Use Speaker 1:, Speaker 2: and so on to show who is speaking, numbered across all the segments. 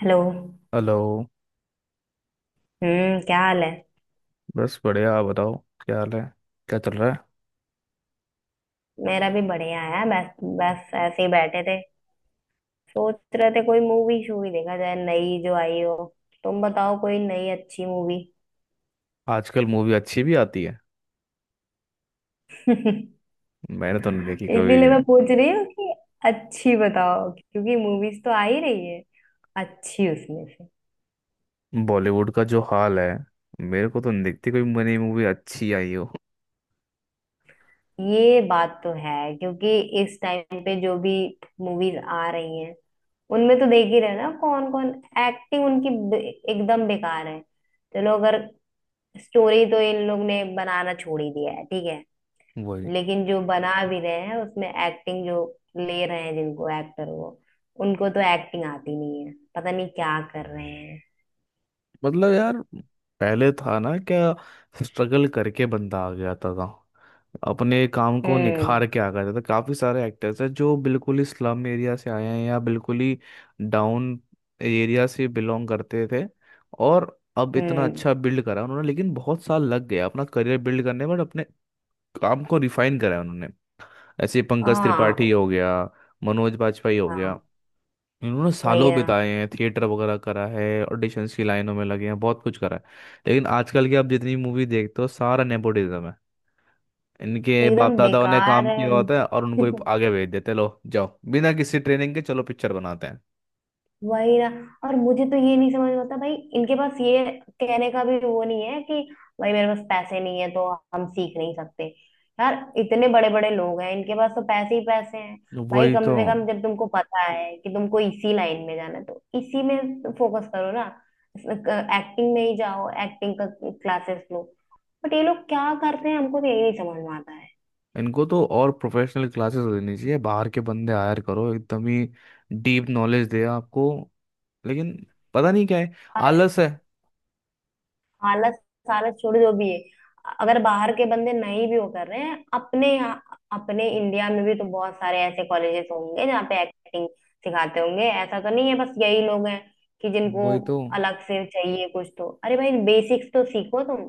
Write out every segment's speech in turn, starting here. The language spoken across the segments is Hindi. Speaker 1: हेलो।
Speaker 2: हेलो।
Speaker 1: हम्म, क्या हाल है।
Speaker 2: बस बढ़िया, आप बताओ। क्या हाल है? क्या चल रहा है?
Speaker 1: मेरा भी बढ़िया है। बस बस ऐसे ही बैठे थे, सोच रहे थे कोई मूवी शूवी देखा जाए नई जो आई हो। तुम बताओ कोई नई अच्छी मूवी।
Speaker 2: आजकल मूवी अच्छी भी आती है? मैंने तो नहीं देखी कभी।
Speaker 1: इसीलिए मैं पूछ रही हूँ कि अच्छी बताओ, क्योंकि मूवीज तो आ ही रही है, अच्छी उसमें से।
Speaker 2: बॉलीवुड का जो हाल है, मेरे को तो नहीं दिखती कोई मनी मूवी अच्छी आई हो।
Speaker 1: ये बात तो है, क्योंकि इस टाइम पे जो भी मूवीज आ रही हैं उनमें तो देख ही रहे हो ना कौन कौन। एक्टिंग उनकी बे- एकदम बेकार है। चलो अगर स्टोरी तो इन लोग ने बनाना छोड़ ही दिया है, ठीक है,
Speaker 2: वही।
Speaker 1: लेकिन जो बना भी रहे हैं उसमें एक्टिंग जो ले रहे हैं जिनको एक्टर, वो उनको तो एक्टिंग आती नहीं है, पता नहीं क्या कर रहे हैं।
Speaker 2: मतलब यार पहले था ना क्या, स्ट्रगल करके बंदा आ गया था। अपने काम को
Speaker 1: हम्म।
Speaker 2: निखार के आ गए थे, तो काफी सारे एक्टर्स हैं जो बिल्कुल ही स्लम एरिया से आए हैं या बिल्कुल ही डाउन एरिया से बिलोंग करते थे। और अब इतना
Speaker 1: हम्म।
Speaker 2: अच्छा बिल्ड करा उन्होंने, लेकिन बहुत साल लग गया अपना करियर बिल्ड करने में, और अपने काम को रिफाइन करा उन्होंने। ऐसे पंकज त्रिपाठी
Speaker 1: हाँ।
Speaker 2: हो गया, मनोज बाजपेयी हो
Speaker 1: हाँ।
Speaker 2: गया। इन्होंने
Speaker 1: वही
Speaker 2: सालों
Speaker 1: ना।
Speaker 2: बिताए हैं, थिएटर वगैरह करा है, ऑडिशंस की लाइनों में लगे हैं, बहुत कुछ करा है। लेकिन आजकल की आप जितनी मूवी देखते हो सारा नेपोटिज्म है। इनके बाप
Speaker 1: एकदम
Speaker 2: दादाओं ने
Speaker 1: बेकार
Speaker 2: काम
Speaker 1: है
Speaker 2: किया होता है और उनको ही आगे भेज देते, लो जाओ, बिना किसी ट्रेनिंग के चलो पिक्चर बनाते हैं।
Speaker 1: वही ना। और मुझे तो ये नहीं समझ में आता भाई, इनके पास ये कहने का भी वो नहीं है कि भाई मेरे पास पैसे नहीं है तो हम सीख नहीं सकते। यार इतने बड़े बड़े लोग हैं, इनके पास तो पैसे ही पैसे हैं।
Speaker 2: तो
Speaker 1: भाई
Speaker 2: वही
Speaker 1: कम
Speaker 2: तो।
Speaker 1: से कम जब तुमको पता है कि तुमको इसी लाइन में जाना है तो इसी में फोकस करो ना। एक्टिंग में ही जाओ, एक्टिंग का क्लासेस लो। बट ये लोग क्या करते हैं, हमको तो यही नहीं समझ में आता।
Speaker 2: इनको तो और प्रोफेशनल क्लासेस देनी चाहिए, बाहर के बंदे हायर करो एकदम ही, डीप नॉलेज दे आपको। लेकिन पता नहीं क्या है,
Speaker 1: है।
Speaker 2: आलस है।
Speaker 1: हालत सालत छोड़ जो भी है, अगर बाहर के बंदे नहीं भी वो कर रहे हैं अपने यहाँ अपने इंडिया में भी तो बहुत सारे ऐसे कॉलेजेस होंगे जहाँ पे एक्टिंग सिखाते होंगे, ऐसा तो नहीं है बस यही लोग हैं कि जिनको
Speaker 2: वही तो।
Speaker 1: अलग से चाहिए कुछ तो। अरे भाई बेसिक्स तो सीखो तुम।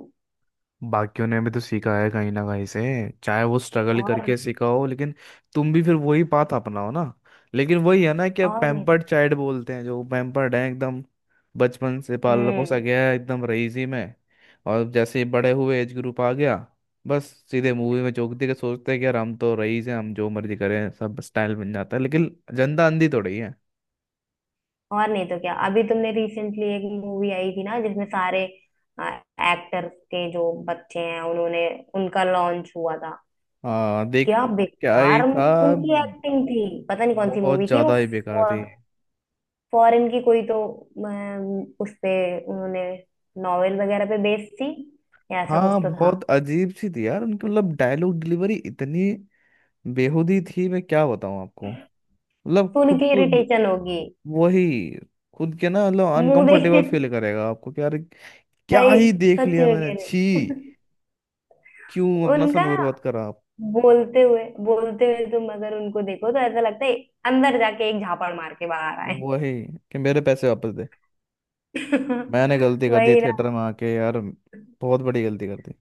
Speaker 2: बाकियों ने भी तो सीखा है कहीं ना कहीं से, चाहे वो स्ट्रगल
Speaker 1: और।
Speaker 2: करके सीखा हो, लेकिन तुम भी फिर वही बात अपनाओ ना। लेकिन वही है ना कि अब
Speaker 1: और नहीं
Speaker 2: पैम्पर्ड
Speaker 1: तो।
Speaker 2: चाइल्ड बोलते हैं, जो पैम्पर्ड है एकदम, बचपन से पाला पोसा
Speaker 1: हम्म।
Speaker 2: गया है एकदम रईसी में। और जैसे ही बड़े हुए, एज ग्रुप आ गया, बस सीधे मूवी में चौंक के सोचते हैं कि यार हम तो रईस हैं, हम जो मर्जी करें सब स्टाइल बन जाता है। लेकिन जनता अंधी थोड़ी है।
Speaker 1: और नहीं तो क्या, अभी तुमने रिसेंटली एक मूवी आई थी ना जिसमें सारे एक्टर्स के जो बच्चे हैं उन्होंने उनका लॉन्च हुआ था।
Speaker 2: हाँ देख।
Speaker 1: क्या
Speaker 2: क्या ही
Speaker 1: बेकार
Speaker 2: था।
Speaker 1: उनकी एक्टिंग थी, पता नहीं कौन सी
Speaker 2: बहुत
Speaker 1: मूवी थी वो।
Speaker 2: ज्यादा ही बेकार थी।
Speaker 1: फॉरेन की कोई तो, उस पे उन्होंने नॉवेल वगैरह पे बेस्ड थी, या ऐसा कुछ
Speaker 2: हाँ
Speaker 1: तो था।
Speaker 2: बहुत अजीब सी थी यार उनकी, मतलब डायलॉग डिलीवरी इतनी बेहुदी थी, मैं क्या बताऊँ आपको। मतलब
Speaker 1: सुन
Speaker 2: खुद
Speaker 1: के
Speaker 2: को।
Speaker 1: इरिटेशन होगी।
Speaker 2: वही। खुद के ना, मतलब
Speaker 1: मुंह देखे।
Speaker 2: अनकंफर्टेबल फील करेगा आपको कि यार क्या
Speaker 1: सही।
Speaker 2: ही देख
Speaker 1: सच
Speaker 2: लिया
Speaker 1: में
Speaker 2: मैंने,
Speaker 1: कह
Speaker 2: छी।
Speaker 1: रहे।
Speaker 2: क्यों अपना
Speaker 1: उनका
Speaker 2: समय
Speaker 1: ना
Speaker 2: बर्बाद करा आप।
Speaker 1: बोलते हुए तुम अगर उनको देखो तो ऐसा लगता है अंदर जाके एक झापड़ मार के बाहर आए।
Speaker 2: वही। कि मेरे पैसे वापस दे। मैंने गलती कर दी
Speaker 1: वही।
Speaker 2: थिएटर में आके, यार बहुत बड़ी गलती कर दी।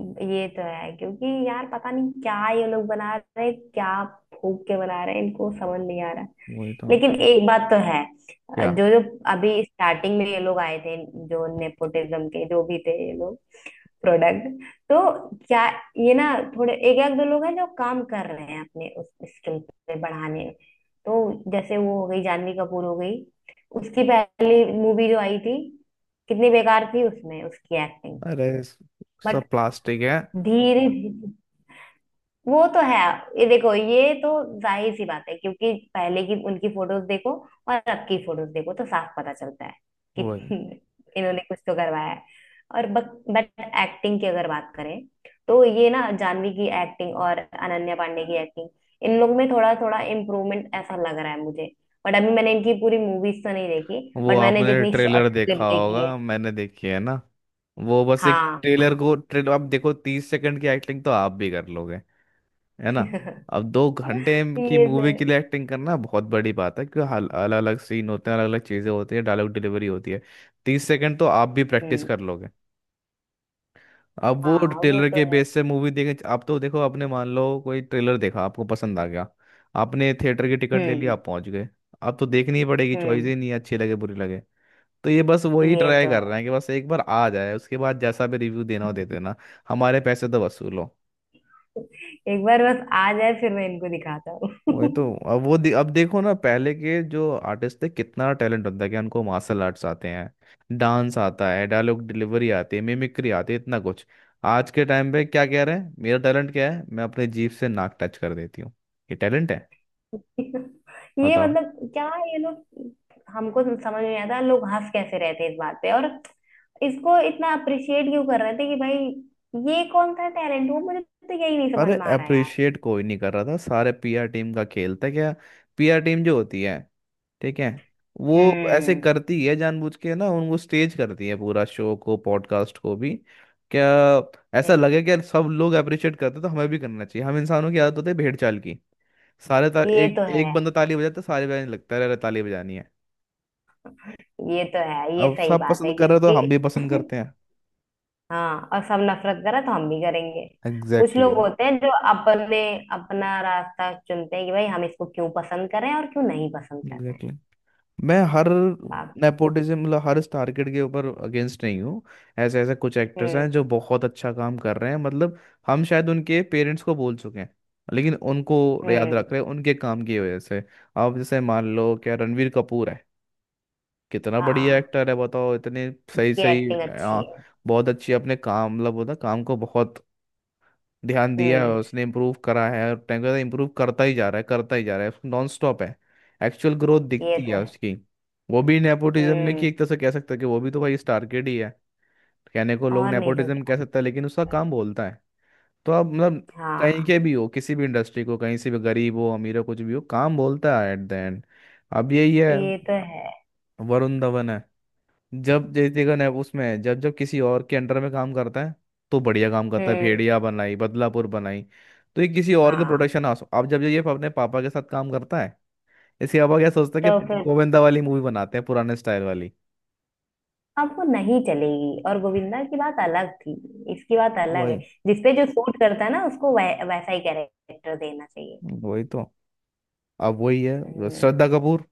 Speaker 1: ये तो है, क्योंकि यार पता नहीं क्या ये लोग बना रहे हैं, क्या फूक के बना रहे हैं, इनको समझ नहीं आ रहा।
Speaker 2: वही तो।
Speaker 1: लेकिन एक बात तो है।
Speaker 2: क्या।
Speaker 1: जो जो अभी स्टार्टिंग में ये लोग आए थे, जो नेपोटिज्म के जो भी थे ये लोग, प्रोडक्ट, तो क्या ये ना थोड़े एक एक दो लोग हैं जो काम कर रहे हैं अपने उस स्किल पे बढ़ाने में। तो जैसे वो हो गई जानवी कपूर हो गई, उसकी पहली मूवी जो आई थी कितनी बेकार थी उसमें उसकी एक्टिंग।
Speaker 2: अरे
Speaker 1: बट
Speaker 2: सब प्लास्टिक है।
Speaker 1: धीरे धीरे। वो तो है। ये देखो ये तो जाहिर सी बात है, क्योंकि पहले की उनकी फोटोज देखो और अब की फोटोज देखो तो साफ पता चलता है कि
Speaker 2: वही।
Speaker 1: इन्होंने कुछ तो करवाया है। और बट एक्टिंग की अगर बात करें तो ये ना जाह्नवी की एक्टिंग और अनन्या पांडे की एक्टिंग, इन लोग में थोड़ा थोड़ा इम्प्रूवमेंट ऐसा लग रहा है मुझे। बट अभी मैंने इनकी पूरी मूवीज तो नहीं देखी।
Speaker 2: वो
Speaker 1: बट मैंने
Speaker 2: आपने
Speaker 1: जितनी शॉर्ट
Speaker 2: ट्रेलर
Speaker 1: क्लिप
Speaker 2: देखा
Speaker 1: देखी है।
Speaker 2: होगा, मैंने देखी है ना। वो बस एक
Speaker 1: हाँ।
Speaker 2: ट्रेलर, को ट्रेलर आप देखो, 30 सेकंड की एक्टिंग तो आप भी कर लोगे। है ना।
Speaker 1: ये
Speaker 2: अब 2 घंटे
Speaker 1: तो
Speaker 2: की मूवी
Speaker 1: है।
Speaker 2: के लिए एक्टिंग करना बहुत बड़ी बात है, क्योंकि अलग अलग सीन होते हैं, अलग अलग चीजें होती है, डायलॉग डिलीवरी होती है। 30 सेकंड तो आप भी प्रैक्टिस
Speaker 1: हम्म।
Speaker 2: कर लोगे। अब वो
Speaker 1: हाँ, वो
Speaker 2: ट्रेलर
Speaker 1: तो
Speaker 2: के
Speaker 1: है।
Speaker 2: बेस से मूवी देखे आप, तो देखो, आपने मान लो कोई ट्रेलर देखा आपको पसंद आ गया, आपने थिएटर की टिकट ले ली,
Speaker 1: हम्म।
Speaker 2: आप पहुंच गए, अब तो देखनी ही पड़ेगी, चॉइस
Speaker 1: हम्म।
Speaker 2: ही नहीं है, अच्छी लगे बुरी लगे। तो ये बस वही
Speaker 1: ये
Speaker 2: ट्राई
Speaker 1: तो है।
Speaker 2: कर रहे हैं कि बस एक बार आ जाए, उसके बाद जैसा भी रिव्यू देना हो दे देना। हमारे पैसे तो वसूलो।
Speaker 1: एक बार बस आ जाए फिर मैं इनको दिखाता हूँ।
Speaker 2: वही तो। अब वो दे, अब देखो ना, पहले के जो आर्टिस्ट थे कितना टैलेंट होता है, कि उनको मार्शल आर्ट्स आते हैं, डांस आता है, डायलॉग डिलीवरी आती है, मिमिक्री आती है, इतना कुछ। आज के टाइम पे क्या कह रहे हैं, मेरा टैलेंट क्या है, मैं अपने जीभ से नाक टच कर देती हूँ, ये टैलेंट है।
Speaker 1: ये
Speaker 2: बताओ।
Speaker 1: मतलब क्या ये लोग। हमको समझ नहीं आता लोग हंस कैसे रहते हैं इस बात पे, और इसको इतना अप्रिशिएट क्यों कर रहे थे कि भाई ये कौन सा टैलेंट हुआ, मुझे तो यही नहीं समझ
Speaker 2: अरे
Speaker 1: में आ रहा यार।
Speaker 2: अप्रिशिएट कोई नहीं कर रहा था, सारे पीआर टीम का खेल था, क्या। पीआर टीम जो होती है, ठीक है, वो ऐसे
Speaker 1: हम्म।
Speaker 2: करती है, जानबूझ के ना उनको स्टेज करती है पूरा, शो को पॉडकास्ट को भी। क्या। ऐसा लगे कि यार सब लोग अप्रिशिएट करते हैं, तो हमें भी करना चाहिए। हम इंसानों की आदत होती है भेड़ चाल की। सारे तार,
Speaker 1: ये
Speaker 2: एक
Speaker 1: तो है।
Speaker 2: एक बंदा ताली बजाता है, तो सारे बजाने लगता है, अरे ताली बजानी है।
Speaker 1: ये तो है, ये
Speaker 2: अब
Speaker 1: सही
Speaker 2: सब
Speaker 1: बात
Speaker 2: पसंद
Speaker 1: है
Speaker 2: कर रहे हो, तो हम
Speaker 1: क्योंकि
Speaker 2: भी पसंद करते हैं।
Speaker 1: हाँ। और सब नफरत करे तो हम भी करेंगे। कुछ लोग
Speaker 2: एग्जैक्टली।
Speaker 1: होते हैं जो अपने अपना रास्ता चुनते हैं कि भाई हम इसको क्यों पसंद कर रहे हैं और क्यों नहीं पसंद कर रहे हैं।
Speaker 2: एग्जैक्टली। मैं हर
Speaker 1: बाप।
Speaker 2: नेपोटिज्म, मतलब हर स्टार किड के ऊपर अगेंस्ट नहीं हूँ। ऐसे ऐसे कुछ एक्टर्स
Speaker 1: हम्म।
Speaker 2: हैं जो बहुत अच्छा काम कर रहे हैं, मतलब हम शायद उनके पेरेंट्स को बोल चुके हैं, लेकिन उनको याद रख
Speaker 1: हम्म।
Speaker 2: रहे हैं उनके काम की वजह से। आप जैसे मान लो क्या रणवीर कपूर है, कितना बढ़िया
Speaker 1: हाँ।
Speaker 2: एक्टर है, बताओ इतने सही
Speaker 1: उसकी
Speaker 2: सही।
Speaker 1: एक्टिंग
Speaker 2: आ,
Speaker 1: अच्छी है।
Speaker 2: बहुत अच्छी, अपने काम, मतलब होता काम को बहुत ध्यान दिया है
Speaker 1: हम्म।
Speaker 2: उसने, इम्प्रूव करा है, और टाइम के साथ इम्प्रूव करता ही जा रहा है, करता ही जा रहा है, नॉन स्टॉप है। एक्चुअल ग्रोथ
Speaker 1: ये
Speaker 2: दिखती
Speaker 1: तो
Speaker 2: है
Speaker 1: है।
Speaker 2: उसकी। वो भी नेपोटिज्म में, कि
Speaker 1: हम्म।
Speaker 2: एक तरह से कह सकता है कि वो भी तो भाई स्टार किड ही है। कहने को लोग
Speaker 1: और नहीं तो
Speaker 2: नेपोटिज्म
Speaker 1: क्या।
Speaker 2: कह सकता है, लेकिन उसका काम बोलता है। तो आप मतलब कहीं
Speaker 1: हाँ।
Speaker 2: के भी हो, किसी भी इंडस्ट्री को, कहीं से भी, गरीब हो अमीर हो कुछ भी हो, काम बोलता है एट द एंड। अब यही है,
Speaker 1: ये तो है।
Speaker 2: वरुण धवन है। जब जैसे देखो ना, उसमें जब जब किसी और के अंडर में काम करता है, तो बढ़िया काम करता है,
Speaker 1: हम्म।
Speaker 2: भेड़िया बनाई, बदलापुर बनाई। तो ये किसी और के
Speaker 1: हाँ।
Speaker 2: प्रोडक्शन हाउस, अब जब ये अपने पापा के साथ काम करता है, इसके पापा क्या सोचता है कि
Speaker 1: तो फिर
Speaker 2: गोविंदा वाली मूवी बनाते हैं पुराने स्टाइल वाली।
Speaker 1: अब वो नहीं चलेगी, और गोविंदा की बात अलग थी, इसकी बात अलग है।
Speaker 2: वही।
Speaker 1: जिसपे जो सूट करता है ना उसको वैसा ही कैरेक्टर देना चाहिए।
Speaker 2: वही तो। अब वही है,
Speaker 1: हम्म।
Speaker 2: श्रद्धा कपूर।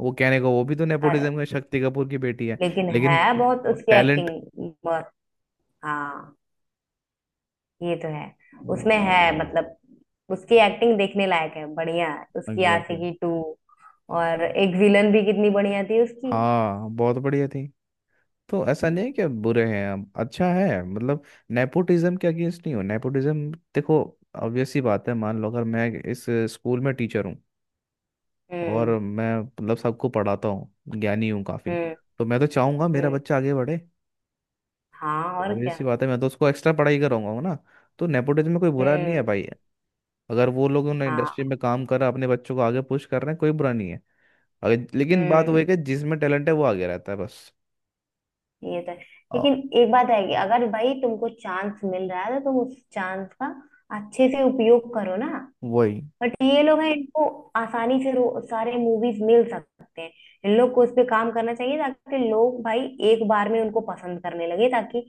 Speaker 2: वो कहने को वो भी तो नेपोटिज्म में, शक्ति कपूर की बेटी है,
Speaker 1: लेकिन
Speaker 2: लेकिन
Speaker 1: है बहुत उसकी
Speaker 2: टैलेंट।
Speaker 1: एक्टिंग बहुत। हाँ। ये तो है। उसमें है, मतलब उसकी एक्टिंग देखने लायक है, बढ़िया है। उसकी
Speaker 2: एग्जैक्टली।
Speaker 1: आशिकी टू और एक विलन भी कितनी बढ़िया थी उसकी।
Speaker 2: हाँ बहुत बढ़िया थी। तो ऐसा नहीं है कि आप बुरे हैं, आप अच्छा है, मतलब नेपोटिज्म के अगेंस्ट नहीं हो। नेपोटिज्म देखो, ऑब्वियस सी बात है, मान लो अगर मैं इस स्कूल में टीचर हूँ, और
Speaker 1: हम्म।
Speaker 2: मैं मतलब सबको पढ़ाता हूँ, ज्ञानी हूँ काफ़ी,
Speaker 1: हम्म।
Speaker 2: तो मैं तो चाहूँगा मेरा
Speaker 1: हम्म।
Speaker 2: बच्चा आगे बढ़े।
Speaker 1: हाँ और
Speaker 2: ऑब्वियस
Speaker 1: क्या।
Speaker 2: सी बात है, मैं तो उसको एक्स्ट्रा पढ़ाई कराऊंगा ना। तो नेपोटिज्म में कोई बुरा नहीं है
Speaker 1: हम्म।
Speaker 2: भाई। अगर वो लोग, उन्होंने इंडस्ट्री
Speaker 1: हाँ।
Speaker 2: में काम करा, अपने बच्चों को आगे पुश कर रहे हैं, कोई बुरा नहीं है। अगर, लेकिन बात
Speaker 1: हम्म।
Speaker 2: वही है कि जिसमें टैलेंट है वो आगे रहता है, बस।
Speaker 1: ये तो है।
Speaker 2: आ,
Speaker 1: लेकिन एक बात है कि अगर भाई तुमको चांस मिल रहा है तो तुम उस चांस का अच्छे से उपयोग करो ना।
Speaker 2: वही
Speaker 1: बट ये लोग हैं, इनको आसानी से सारे मूवीज मिल सकते हैं, इन लोग को उस पे काम करना चाहिए ताकि लोग भाई एक बार में उनको पसंद करने लगे, ताकि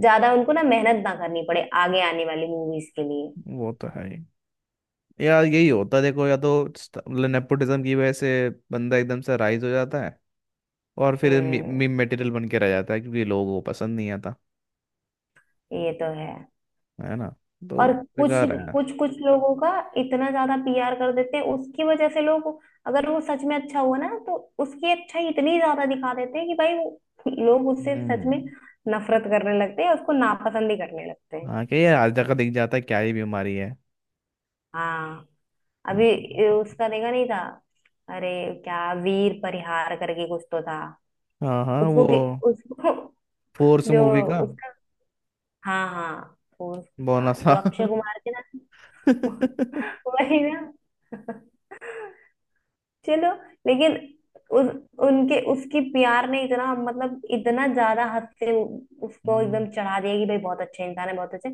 Speaker 1: ज्यादा उनको ना मेहनत ना करनी पड़े आगे आने वाली मूवीज के लिए।
Speaker 2: वो तो है ही। यार यही होता है देखो, या तो मतलब नेपोटिज्म की वजह से बंदा एकदम से राइज हो जाता है, और फिर
Speaker 1: हम्म।
Speaker 2: मीम मटेरियल बन के रह जाता है, क्योंकि लोगों को पसंद नहीं आता।
Speaker 1: ये तो है।
Speaker 2: है ना। तो
Speaker 1: और कुछ
Speaker 2: बेकार है।
Speaker 1: कुछ कुछ लोगों का इतना ज्यादा पीआर कर देते हैं, उसकी वजह से लोग, अगर वो सच में अच्छा हुआ ना तो उसकी अच्छाई इतनी ज्यादा दिखा देते हैं कि भाई वो लोग उससे सच
Speaker 2: हम्म।
Speaker 1: में नफरत करने लगते हैं, उसको नापसंद ही करने लगते हैं।
Speaker 2: हाँ क्या यार, आज तक दिख जाता है, क्या ही बीमारी है।
Speaker 1: हाँ। अभी ये
Speaker 2: हम्म।
Speaker 1: उसका देखा नहीं था। अरे क्या वीर परिहार करके कुछ तो था,
Speaker 2: हाँ हाँ
Speaker 1: उसको
Speaker 2: वो
Speaker 1: कि, उसको
Speaker 2: फोर्स
Speaker 1: जो
Speaker 2: मूवी का
Speaker 1: उसका, हाँ हाँ उस, हाँ
Speaker 2: बोनस, हाँ
Speaker 1: जो अक्षय कुमार के ना। वही ना। चलो, लेकिन उस उनके उसकी प्यार ने इतना मतलब इतना ज्यादा हद से उसको
Speaker 2: हम्म,
Speaker 1: एकदम चढ़ा दिया कि भाई बहुत अच्छा इंसान है, बहुत अच्छे।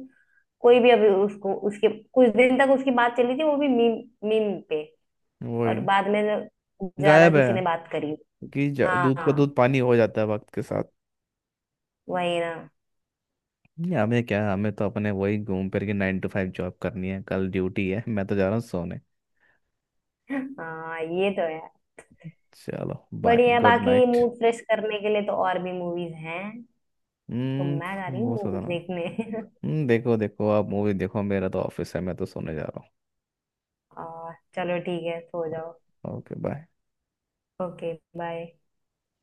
Speaker 1: कोई भी अभी उसको उसके कुछ दिन तक उसकी बात चली थी, वो भी मीम मीम पे।
Speaker 2: वही।
Speaker 1: और बाद में ज्यादा
Speaker 2: गायब है।
Speaker 1: किसी ने बात करी।
Speaker 2: कि दूध का
Speaker 1: हाँ।
Speaker 2: दूध पानी हो जाता है वक्त के साथ।
Speaker 1: वही ना।
Speaker 2: नहीं, हमें क्या, हमें तो अपने वही घूम फिर के 9 to 5 जॉब करनी है, कल ड्यूटी है, मैं तो जा रहा हूँ सोने।
Speaker 1: हाँ। ये तो है।
Speaker 2: चलो। बाय,
Speaker 1: बढ़िया है,
Speaker 2: गुड
Speaker 1: बाकी
Speaker 2: नाइट।
Speaker 1: मूड फ्रेश करने के लिए तो और भी मूवीज हैं। तो मैं जा रही
Speaker 2: हम्म,
Speaker 1: हूँ
Speaker 2: वो सोचा
Speaker 1: मूवीज
Speaker 2: ना।
Speaker 1: देखने।
Speaker 2: हम्म, देखो देखो आप मूवी देखो, मेरा तो ऑफिस है, मैं तो सोने जा रहा
Speaker 1: और चलो ठीक है सो
Speaker 2: हूँ।
Speaker 1: जाओ।
Speaker 2: Okay bye.
Speaker 1: Okay bye.